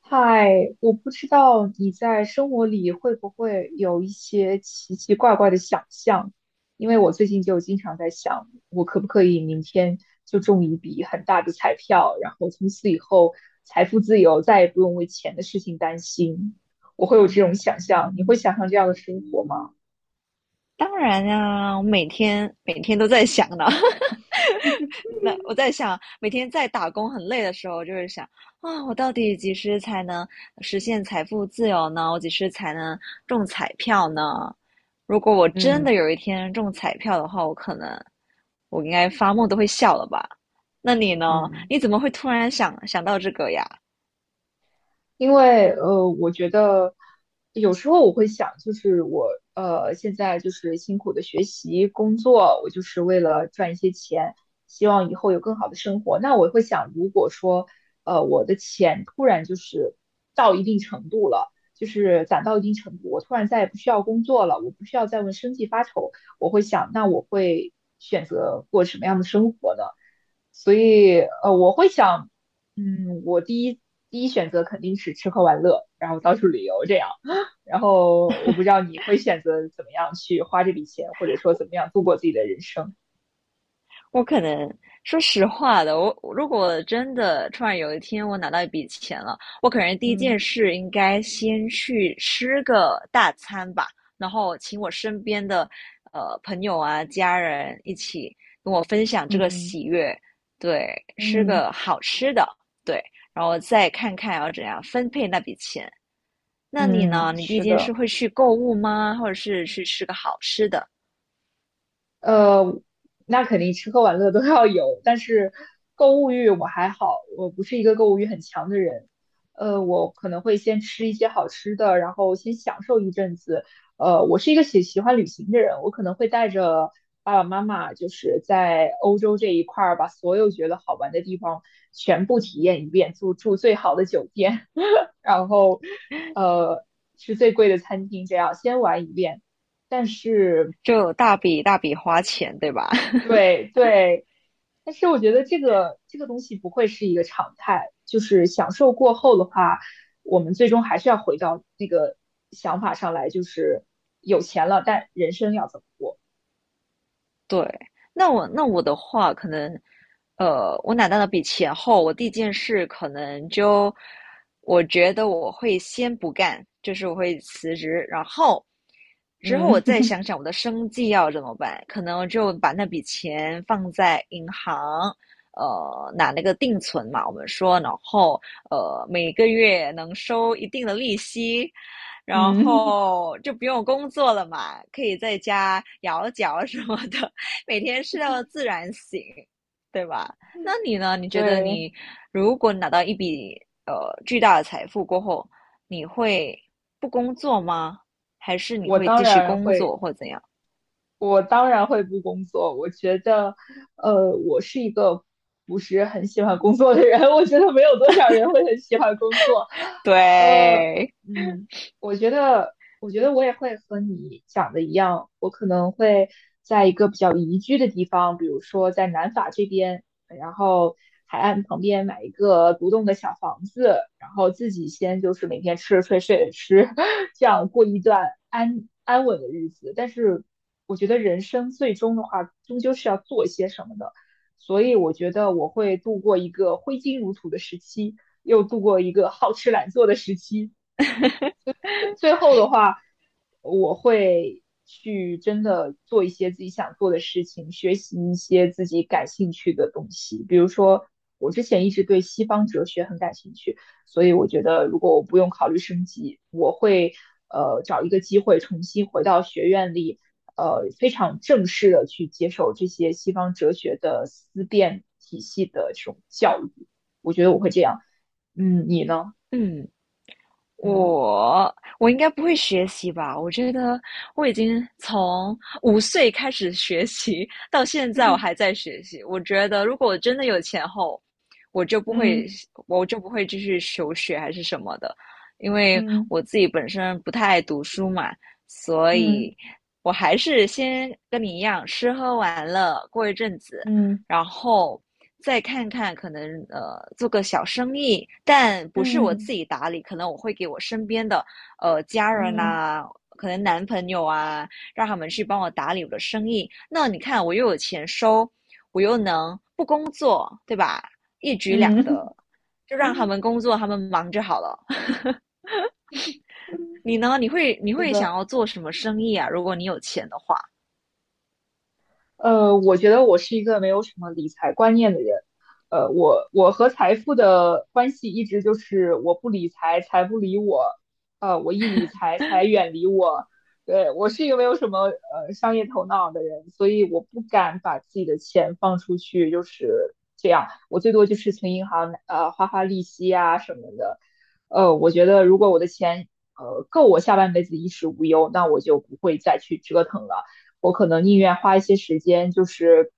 嗨，我不知道你在生活里会不会有一些奇奇怪怪的想象，因为我最近就经常在想，我可不可以明天就中一笔很大的彩票，然后从此以后财富自由，再也不用为钱的事情担心。我会有这种想象，你会想象这样的生活吗？当然啊，我每天都在想呢。那我在想，每天在打工很累的时候，我就会想啊，我到底几时才能实现财富自由呢？我几时才能中彩票呢？如果我真的嗯有一天中彩票的话，我可能我应该发梦都会笑了吧？那你呢？嗯，你怎么会突然想到这个呀？因为我觉得有时候我会想，就是我现在就是辛苦的学习工作，我就是为了赚一些钱，希望以后有更好的生活。那我会想，如果说我的钱突然就是到一定程度了，就是攒到一定程度，我突然再也不需要工作了，我不需要再为生计发愁，我会想，那我会选择过什么样的生活呢？所以我会想。嗯，我第一选择肯定是吃喝玩乐，然后到处旅游这样。然后我不知道你会选择怎么样去花这笔钱，或者说怎么样度过自己的人生。我可能说实话的，我如果真的突然有一天我拿到一笔钱了，我可能第一嗯件事应该先去吃个大餐吧，然后请我身边的朋友啊、家人一起跟我分享这个嗯喜悦，对，吃嗯个好吃的，对，然后再看看要怎样分配那笔钱。那你嗯，呢？你第一是件的。事会去购物吗？或者是去吃个好吃的？呃，那肯定吃喝玩乐都要有，但是购物欲我还好，我不是一个购物欲很强的人。我可能会先吃一些好吃的，然后先享受一阵子。我是一个喜欢旅行的人，我可能会带着爸爸妈妈，就是在欧洲这一块儿，把所有觉得好玩的地方全部体验一遍，住住最好的酒店，然后呃吃最贵的餐厅，这样先玩一遍。但是。就有大笔大笔花钱，对吧？对对，但是我觉得这个东西不会是一个常态，就是享受过后的话，我们最终还是要回到那个想法上来，就是有钱了，但人生要怎么过？对，那我的话，可能，我拿到那笔钱后，我第一件事可能就，我觉得我会先不干，就是我会辞职，然后之后我再嗯 想想我的生计要怎么办，可能我就把那笔钱放在银行，拿那个定存嘛，我们说，然后每个月能收一定的利息，然嗯，后就不用工作了嘛，可以在家摇脚什么的，每天睡到自然醒，对吧？那你呢？你觉得对，你如果拿到一笔呃巨大的财富过后，你会不工作吗？还是你我会当继续然工会。作或怎样？我当然会不工作。我觉得，我是一个不是很喜欢工作的人。我觉得没有多少人会很喜欢工作。呃，对，嗯，我觉得，我觉得我也会和你讲的一样，我可能会在一个比较宜居的地方，比如说在南法这边，然后海岸旁边买一个独栋的小房子，然后自己先就是每天吃着睡，睡着吃，这样过一段安安稳的日子。但是我觉得人生最终的话，终究是要做一些什么的，所以我觉得我会度过一个挥金如土的时期，又度过一个好吃懒做的时期，最最后的话，我会去真的做一些自己想做的事情，学习一些自己感兴趣的东西。比如说，我之前一直对西方哲学很感兴趣，所以我觉得如果我不用考虑升级，我会找一个机会重新回到学院里，非常正式的去接受这些西方哲学的思辨体系的这种教育。我觉得我会这样。嗯，你呢？嗯，嗯 我应该不会学习吧？我觉得我已经从五岁开始学习，到现在我还在 学习。我觉得如果我真的有钱后，我就不会，嗯我就不会继续求学还是什么的，因为嗯。我自己本身不太爱读书嘛，所嗯以我还是先跟你一样，吃喝玩乐过一阵子，嗯然后再看看可能做个小生意，但不是我自嗯己打理，可能我会给我身边的家人嗯呐、可能男朋友啊，让他们去帮我打理我的生意。那你看，我又有钱收，我又能不工作，对吧？一举两嗯，得，就让他们工作，他们忙就好了。你呢？你会你 是会想的。要做什么生意啊？如果你有钱的话，我觉得我是一个没有什么理财观念的人。我和财富的关系一直就是我不理财，财不理我。我一理财，财远离我。对，我是一个没有什么商业头脑的人，所以我不敢把自己的钱放出去，就是这样。我最多就是存银行，花花利息啊什么的。我觉得如果我的钱够我下半辈子衣食无忧，那我就不会再去折腾了。我可能宁愿花一些时间，就是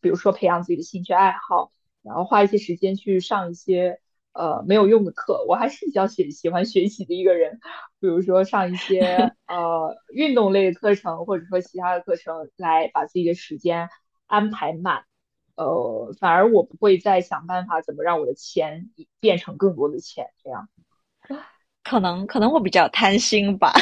比如说培养自己的兴趣爱好，然后花一些时间去上一些没有用的课。我还是比较喜欢学习的一个人，比如说上一些运动类的课程，或者说其他的课程，来把自己的时间安排满。反而我不会再想办法怎么让我的钱变成更多的钱，这样。可能会比较贪心吧。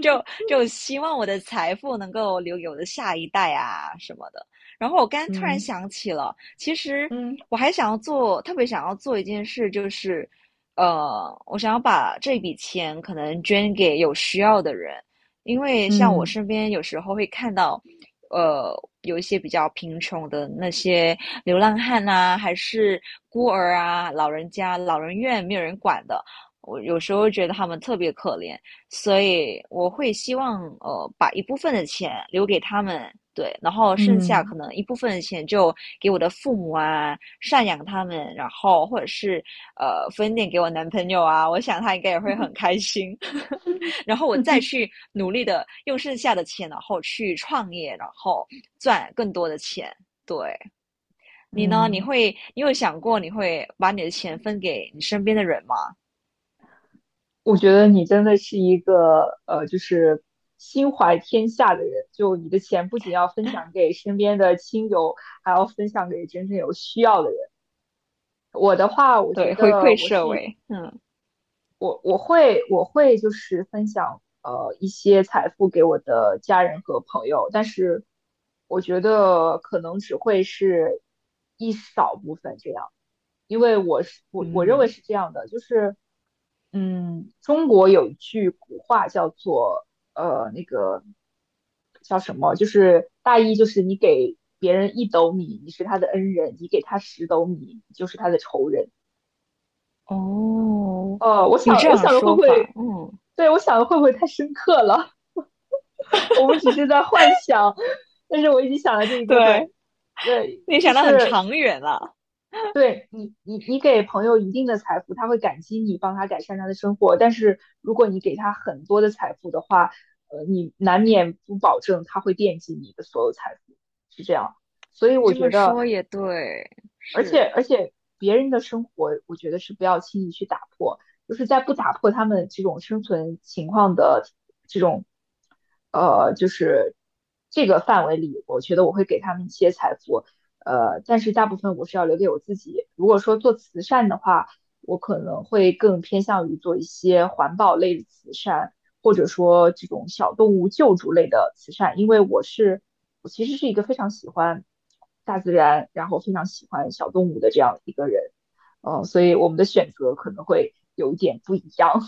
就希望我的财富能够留给我的下一代啊什么的。然后我刚突然嗯想起了，其实嗯我还想要做，特别想要做一件事，就是我想要把这笔钱可能捐给有需要的人，因为像我嗯身边有时候会看到，呃，有一些比较贫穷的那些流浪汉啊，还是孤儿啊、老人家、老人院没有人管的，我有时候觉得他们特别可怜。所以我会希望把一部分的钱留给他们，对，然后剩下嗯 可能一部分的钱就给我的父母啊，赡养他们，然后或者是分点给我男朋友啊，我想他应该也会很开心。然后我再去 努力的用剩下的钱，然后去创业，然后赚更多的钱。对，你呢？你嗯。会，你有想过你会把你的钱分给你身边的人吗？我觉得你真的是一个就是心怀天下的人。就你的钱不仅要分享给身边的亲友，还要分享给真正有需要的人。我的话，我觉对，回得馈我社是会。嗯我会我会就是分享一些财富给我的家人和朋友，但是我觉得可能只会是一少部分这样。因为我是我认为嗯。是这样的，就是嗯，中国有一句古话叫做那个叫什么，就是大意就是你给别人一斗米，你是他的恩人；你给他十斗米，你就是他的仇人。哦，哦，我有想这我样的想的会说不法，会，嗯，对我想的会不会太深刻了？我们只是在幻想，但是我已经想了这一部分，对，对，你就想的很是长远了。对你，你给朋友一定的财富，他会感激你帮他改善他的生活。但是如果你给他很多的财富的话，你难免不保证他会惦记你的所有财富，是这样。所以你我这觉么得，说也对，而且是而且别人的生活，我觉得是不要轻易去打破，就是在不打破他们这种生存情况的就是这个范围里，我觉得我会给他们一些财富，但是大部分我是要留给我自己。如果说做慈善的话，我可能会更偏向于做一些环保类的慈善，或者说这种小动物救助类的慈善，因为我是我其实是一个非常喜欢大自然，然后非常喜欢小动物的这样一个人，所以我们的选择可能会有一点不一样。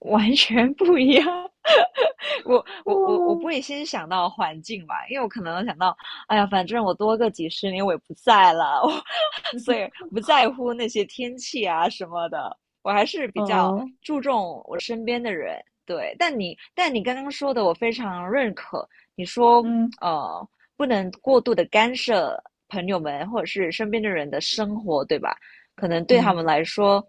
完全不一样。我 我我我不嗯，会先想到环境吧，因为我可能想到，哎呀，反正我多个几十年我也不在了，我所以不在乎那些天气啊什么的，我还是比较嗯，注重我身边的人。对，但你刚刚说的我非常认可，你说嗯呃不能过度的干涉朋友们或者是身边的人的生活，对吧？可能对他们嗯来说，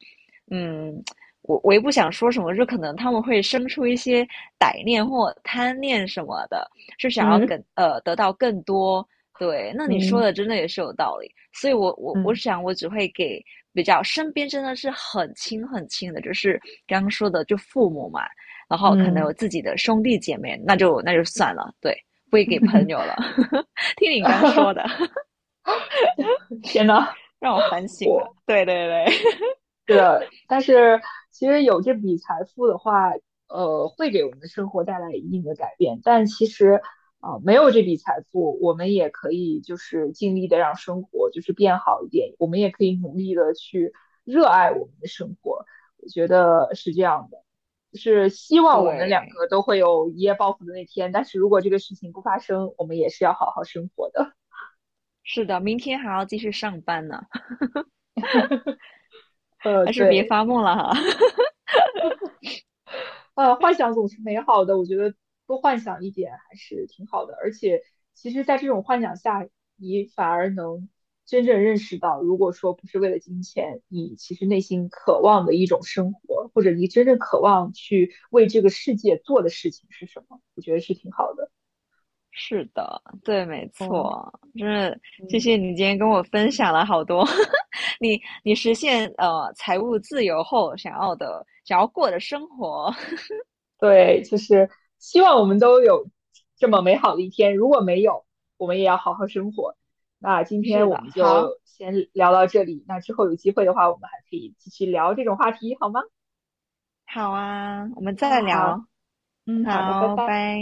嗯，我也不想说什么，就可能他们会生出一些歹念或贪念什么的，是想要嗯更得到更多。对，那你说嗯的真的也是有道理，所以我嗯想我只会给比较身边真的是很亲很亲的，就是刚刚说的就父母嘛，然后可能嗯，有自己的兄弟姐妹，那就算了，对，不会给朋友了。听你刚说的，天呐，让我反省了。对对对 对的，但是其实有这笔财富的话，会给我们的生活带来一定的改变。但其实啊、没有这笔财富，我们也可以就是尽力的让生活就是变好一点，我们也可以努力的去热爱我们的生活。我觉得是这样的，就是希 望我们两对，个都会有一夜暴富的那天。但是如果这个事情不发生，我们也是要好好生活的。是的，明天还要继续上班呢。还是别对，发梦了哈。幻想总是美好的，我觉得多幻想一点还是挺好的。而且，其实，在这种幻想下，你反而能真正认识到，如果说不是为了金钱，你其实内心渴望的一种生活，或者你真正渴望去为这个世界做的事情是什么，我觉得是挺好的。是的，对，没嗯错，真是谢嗯。谢你今天跟我分享了好多 你你实现财务自由后想要的过的生活。对，就是希望我们都有这么美好的一天。如果没有，我们也要好好生活。那 今是天我的，们好，就先聊到这里，那之后有机会的话，我们还可以继续聊这种话题，好吗？好啊，我们再嗯，好，聊，嗯，好，的，拜好，拜。拜。